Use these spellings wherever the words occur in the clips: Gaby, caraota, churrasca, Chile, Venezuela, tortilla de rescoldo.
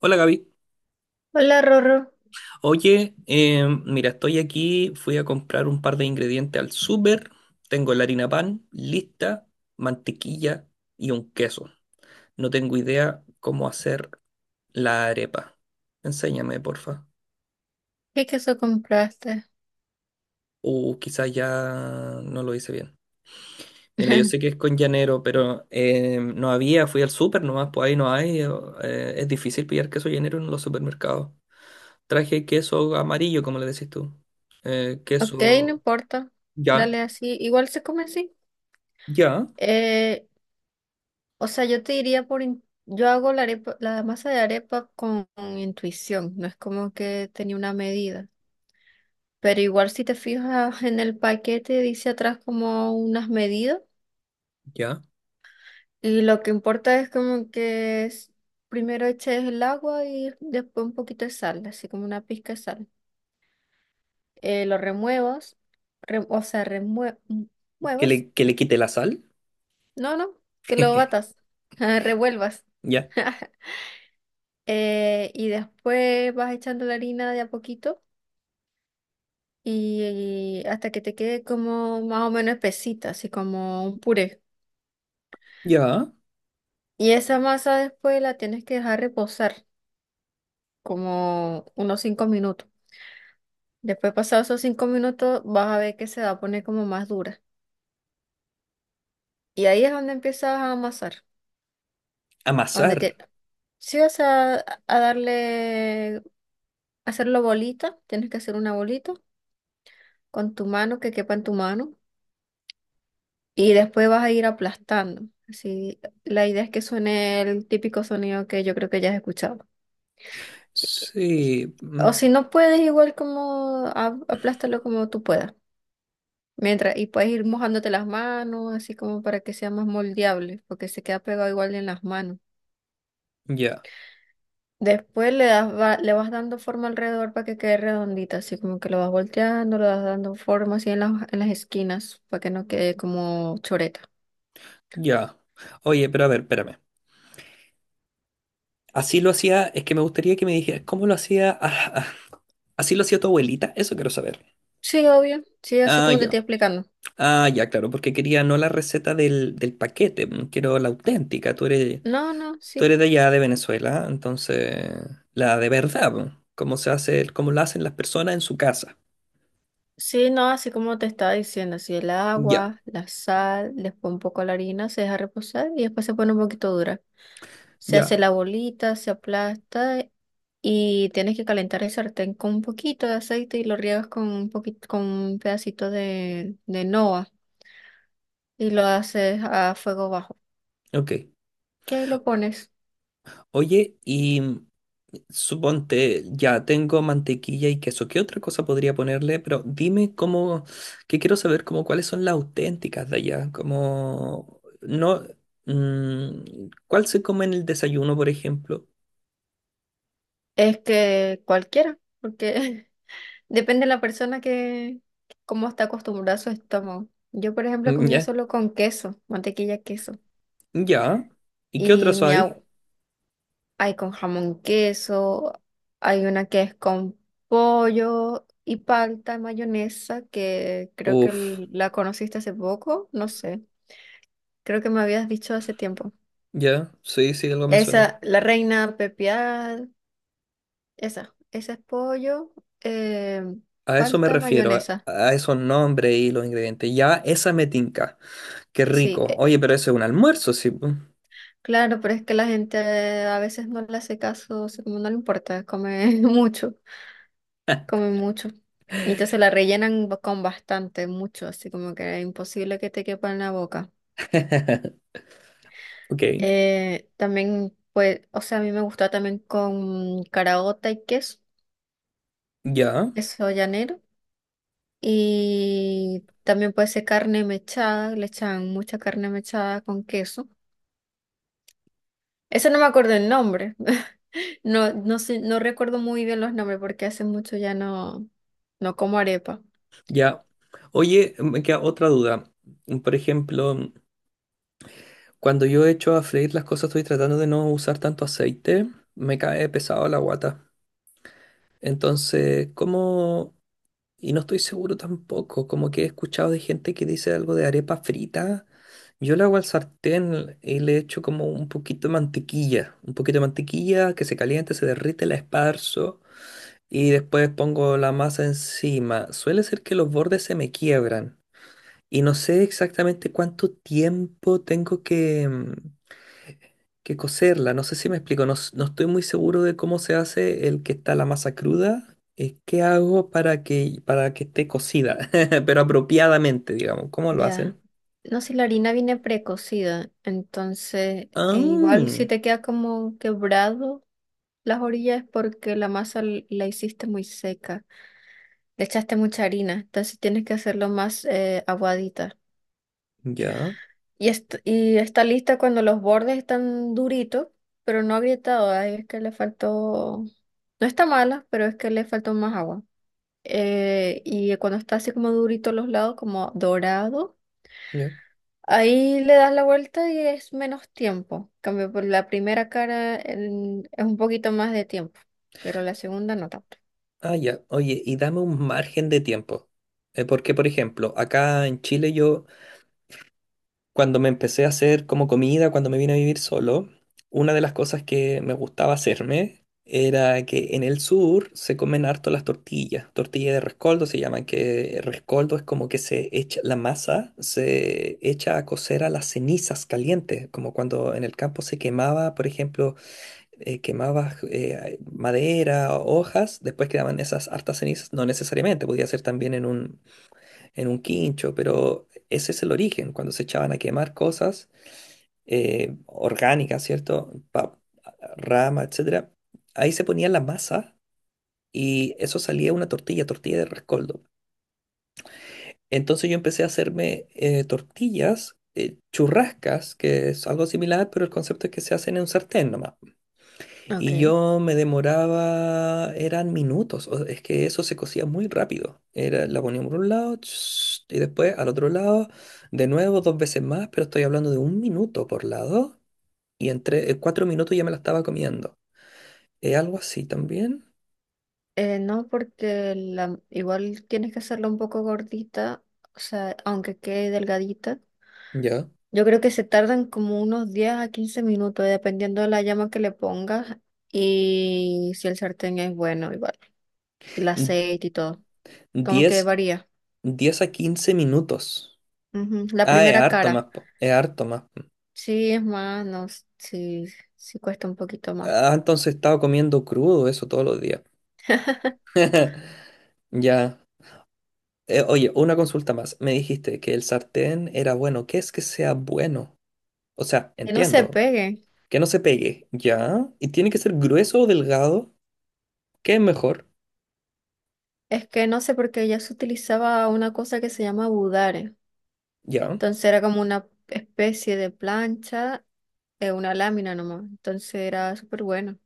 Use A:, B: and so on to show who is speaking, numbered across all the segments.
A: Hola Gaby.
B: Hola Rorro,
A: Oye, mira, estoy aquí, fui a comprar un par de ingredientes al súper, tengo la harina pan lista, mantequilla y un queso. No tengo idea cómo hacer la arepa. Enséñame, porfa.
B: ¿qué queso compraste?
A: O quizás ya no lo hice bien. Mira, yo sé que es con llanero, pero no había, fui al súper nomás, pues ahí no hay. Es difícil pillar queso llanero en los supermercados. Traje queso amarillo, como le decís tú. Eh,
B: Ok, no
A: queso...
B: importa,
A: Ya.
B: dale así, igual se come así.
A: Ya,
B: Eh, yo te diría yo hago la arepa, la masa de arepa con intuición, no es como que tenía una medida, pero igual si te fijas en el paquete dice atrás como unas medidas,
A: ya.
B: y lo que importa es primero eches el agua y después un poquito de sal, así como una pizca de sal. Lo remuevos, re- o sea, remue- muevos.
A: Que le quite la sal.
B: No, no, que lo batas, revuelvas.
A: Ya,
B: Y después vas echando la harina de a poquito y hasta que te quede como más o menos espesita, así como un puré.
A: ya.
B: Y esa masa después la tienes que dejar reposar como unos 5 minutos. Después, pasados esos 5 minutos, vas a ver que se va a poner como más dura. Y ahí es donde empiezas a amasar, donde
A: Amasar.
B: te, sí, o sea, a darle, hacerlo bolita. Tienes que hacer una bolita con tu mano, que quepa en tu mano, y después vas a ir aplastando. Así, la idea es que suene el típico sonido que yo creo que ya has escuchado. Y- y-
A: Sí,
B: O si no puedes, igual como aplástalo como tú puedas. Mientras, y puedes ir mojándote las manos, así como para que sea más moldeable, porque se queda pegado igual en las manos.
A: ya,
B: Después le das, le vas dando forma alrededor para que quede redondita, así como que lo vas volteando, le vas dando forma así en en las esquinas para que no quede como choreta.
A: ya. Oye, pero a ver, espérame. Así lo hacía, es que me gustaría que me dijeras, ¿cómo lo hacía? ¿Así lo hacía tu abuelita? Eso quiero saber.
B: Sí, obvio, sí, así
A: Ah,
B: como te
A: ya.
B: estoy explicando.
A: Ah, ya, claro, porque quería no la receta del paquete, mm, quiero la auténtica.
B: No, no,
A: Tú
B: sí.
A: eres de allá de Venezuela, entonces la de verdad, mm, cómo se hace, cómo la hacen las personas en su casa.
B: Sí, no, así como te estaba diciendo, así el
A: Ya,
B: agua, la sal, después un poco la harina, se deja reposar y después se pone un poquito dura. Se
A: ya,
B: hace la bolita, se aplasta, y tienes que calentar el sartén con un poquito de aceite y lo riegas con un poquito, con un pedacito de noa. Y lo haces a fuego bajo.
A: ok.
B: Y ahí lo pones.
A: Oye, y suponte, ya tengo mantequilla y queso. ¿Qué otra cosa podría ponerle? Pero dime cómo, que quiero saber como cuáles son las auténticas de allá. Como, no, mm, ¿cuál se come en el desayuno, por ejemplo?
B: Es que cualquiera, porque depende de la persona, cómo está acostumbrada a su estómago. Yo, por ejemplo,
A: Mm,
B: comía
A: ya,
B: solo con queso, mantequilla, queso.
A: ya. ¿Y qué
B: Y
A: otras
B: mi
A: hay?
B: abu- Hay con jamón, queso, hay una que es con pollo y palta, mayonesa, que creo que
A: Uf,
B: la conociste hace poco, no sé. Creo que me habías dicho hace tiempo.
A: ya, sí, sí, algo me suena.
B: Esa, la reina pepiada. Esa es pollo, em,
A: A eso me
B: falta
A: refiero,
B: mayonesa.
A: a esos nombres y los ingredientes. Ya, esa me tinca. Qué
B: Sí,
A: rico. Oye, pero eso es un almuerzo, sí po.
B: claro, pero es que la gente, a veces no le hace caso, o sea, como no le importa, come mucho, come mucho. Y entonces la rellenan con bastante, mucho, así como que es imposible que te quepa en la boca.
A: Ok.
B: También, pues, o sea, a mí me gusta también con caraota y queso,
A: Ya,
B: queso llanero. Y también puede ser carne mechada, le echan mucha carne mechada con queso. Eso no me acuerdo el nombre. No, no sé, no recuerdo muy bien los nombres porque hace mucho ya no, no como arepa.
A: ya. Oye, me queda otra duda. Por ejemplo, cuando yo echo a freír las cosas, estoy tratando de no usar tanto aceite, me cae pesado la guata. Entonces, ¿cómo? Y no estoy seguro tampoco, como que he escuchado de gente que dice algo de arepa frita. Yo la hago al sartén y le echo como un poquito de mantequilla, un poquito de mantequilla que se caliente, se derrite, la esparzo y después pongo la masa encima. Suele ser que los bordes se me quiebran. Y no sé exactamente cuánto tiempo tengo que cocerla. No sé si me explico. No estoy muy seguro de cómo se hace el que está la masa cruda. ¿Qué hago para para que esté cocida? Pero apropiadamente, digamos. ¿Cómo lo
B: Ya.
A: hacen?
B: No sé, la harina viene precocida, entonces igual si
A: Ah,
B: te queda como quebrado las orillas, es porque la masa la hiciste muy seca, le echaste mucha harina, entonces tienes que hacerlo más, aguadita.
A: ya,
B: Y está lista cuando los bordes están duritos, pero no agrietados. Ahí es que le faltó. No está mala, pero es que le faltó más agua. Y cuando está así como durito los lados, como dorado,
A: ya.
B: ahí le das la vuelta y es menos tiempo. En cambio, por la primera cara es un poquito más de tiempo, pero la segunda no tanto.
A: Ah, ya. Oye, y dame un margen de tiempo. Porque, por ejemplo, acá en Chile yo cuando me empecé a hacer como comida, cuando me vine a vivir solo, una de las cosas que me gustaba hacerme era que en el sur se comen harto las tortillas. Tortilla de rescoldo se llaman, que rescoldo es como que se echa, la masa se echa a cocer a las cenizas calientes, como cuando en el campo se quemaba, por ejemplo, quemaba madera hojas, después quedaban esas hartas cenizas, no necesariamente, podía ser también en un quincho, pero ese es el origen, cuando se echaban a quemar cosas orgánicas, ¿cierto? Rama, etcétera. Ahí se ponía la masa y eso salía una tortilla, tortilla de rescoldo. Entonces yo empecé a hacerme tortillas, churrascas, que es algo similar, pero el concepto es que se hacen en un sartén nomás. Y
B: Okay.
A: yo me demoraba, eran minutos, es que eso se cocía muy rápido. Era, la ponía por un lado ch, y después al otro lado, de nuevo dos veces más, pero estoy hablando de un minuto por lado y en cuatro minutos ya me la estaba comiendo. ¿Es algo así también?
B: No, porque la, igual tienes que hacerla un poco gordita, o sea, aunque quede delgadita.
A: Ya.
B: Yo creo que se tardan como unos 10 a 15 minutos, dependiendo de la llama que le pongas y si el sartén es bueno, igual. Y el
A: N-
B: aceite y todo. Como que
A: Diez,
B: varía.
A: diez a quince minutos.
B: Ujú. La
A: Ah, es
B: primera
A: harto
B: cara.
A: más, po, es harto más.
B: Sí, es más, no, sí, sí cuesta un poquito más.
A: Ah, entonces estaba comiendo crudo eso todos los días. Ya. Oye, una consulta más. Me dijiste que el sartén era bueno. ¿Qué es que sea bueno? O sea,
B: Que no se
A: entiendo.
B: pegue.
A: Que no se pegue. ¿Ya? ¿Y tiene que ser grueso o delgado? ¿Qué es mejor?
B: Es que no sé, porque ya se utilizaba una cosa que se llama budare.
A: ¿Ya?
B: Entonces era como una especie de plancha, una lámina nomás. Entonces era súper bueno.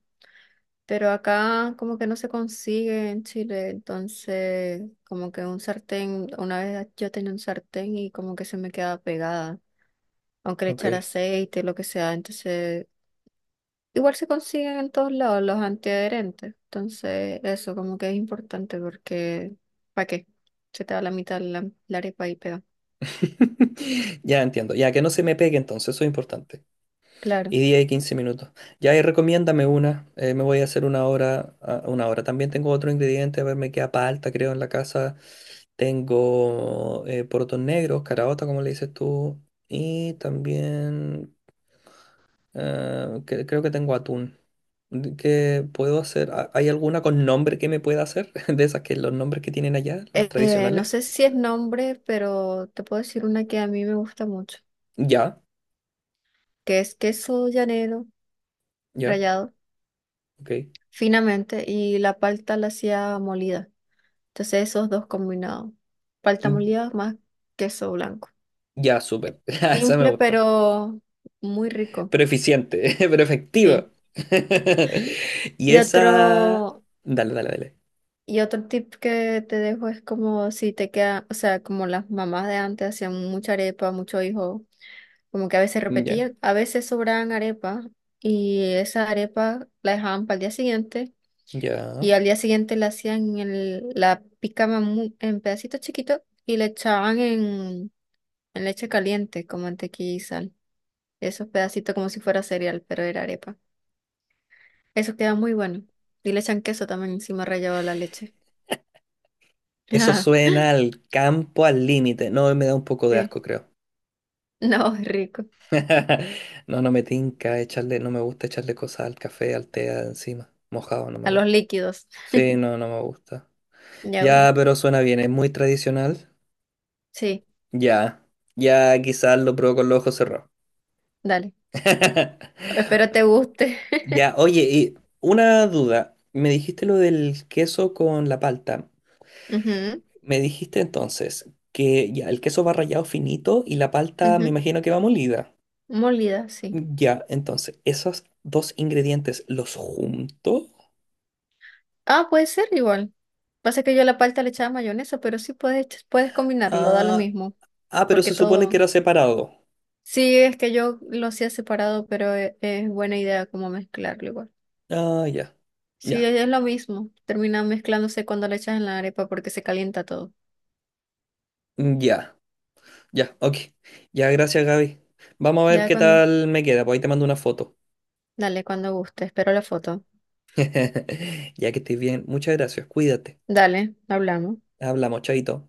B: Pero acá como que no se consigue en Chile, entonces como que un sartén, una vez yo tenía un sartén y como que se me quedaba pegada, aunque le
A: Ok.
B: echara aceite, lo que sea, entonces igual se consiguen en todos lados los antiadherentes, entonces eso como que es importante porque ¿para qué? Se te va la mitad la arepa y pega.
A: Ya entiendo. Ya que no se me pegue entonces, eso es importante.
B: Claro.
A: Y 10 y 15 minutos. Ya y recomiéndame una. Me voy a hacer una hora. Una hora. También tengo otro ingrediente. A ver, me queda palta, creo, en la casa. Tengo porotos negros, caraota, como le dices tú. Y también creo que tengo atún. ¿Qué puedo hacer? ¿Hay alguna con nombre que me pueda hacer? De esas que los nombres que tienen allá, los
B: No
A: tradicionales.
B: sé si es nombre, pero te puedo decir una que a mí me gusta mucho,
A: Ya,
B: que es queso llanero
A: ya,
B: rallado
A: ok.
B: finamente y la palta la hacía molida. Entonces esos dos combinados, palta
A: Mm,
B: molida más queso blanco.
A: ya, súper. Ah, esa me
B: Simple
A: gusta.
B: pero muy rico,
A: Pero eficiente, pero efectiva.
B: sí.
A: Y
B: Y
A: esa...
B: otro,
A: Dale, dale, dale.
B: y otro tip que te dejo es como si te queda, o sea, como las mamás de antes hacían mucha arepa, mucho hijo, como que a veces
A: Mm, ya,
B: repetían, a veces sobraban arepa, y esa arepa la dejaban para el día siguiente.
A: ya.
B: Y al día siguiente la hacían la picaban en pedacitos chiquitos y le echaban en leche caliente con mantequilla y sal. Esos pedacitos como si fuera cereal, pero era arepa. Eso queda muy bueno. Y le echan queso también encima rallado de la leche.
A: Eso suena al campo al límite. No, me da un poco de asco,
B: Sí.
A: creo.
B: No, es rico.
A: No, no me tinca echarle, no me gusta echarle cosas al café, al té encima. Mojado no me
B: A los
A: gusta.
B: líquidos.
A: Sí, no, no me gusta.
B: Ya, bueno.
A: Ya, pero suena bien, es muy tradicional.
B: Sí,
A: Ya, ya quizás lo pruebo con los ojos cerrados.
B: dale. Espero te guste.
A: Ya, oye, y una duda. Me dijiste lo del queso con la palta.
B: Ujú,
A: Me dijiste entonces que ya el queso va rallado finito y la palta me
B: ujú.
A: imagino que va molida.
B: Molida, sí.
A: Ya, entonces, esos dos ingredientes los junto.
B: Ah, puede ser igual. Pasa que yo a la palta le echaba mayonesa, pero sí puedes, puedes combinarlo, da lo
A: Ah,
B: mismo.
A: ah, pero
B: Porque
A: se supone que
B: todo.
A: era separado.
B: Sí, es que yo lo hacía separado, pero es, buena idea como mezclarlo igual.
A: Ah, ya.
B: Sí,
A: Ya.
B: es lo mismo. Termina mezclándose cuando le echas en la arepa porque se calienta todo.
A: Ya. Ya, ok. Ya, gracias, Gaby. Vamos a ver
B: Ya
A: qué
B: con.
A: tal me queda, pues ahí te mando una foto.
B: Dale, cuando guste. Espero la foto.
A: Ya que estés bien. Muchas gracias, cuídate.
B: Dale, hablamos.
A: Hablamos, chaito.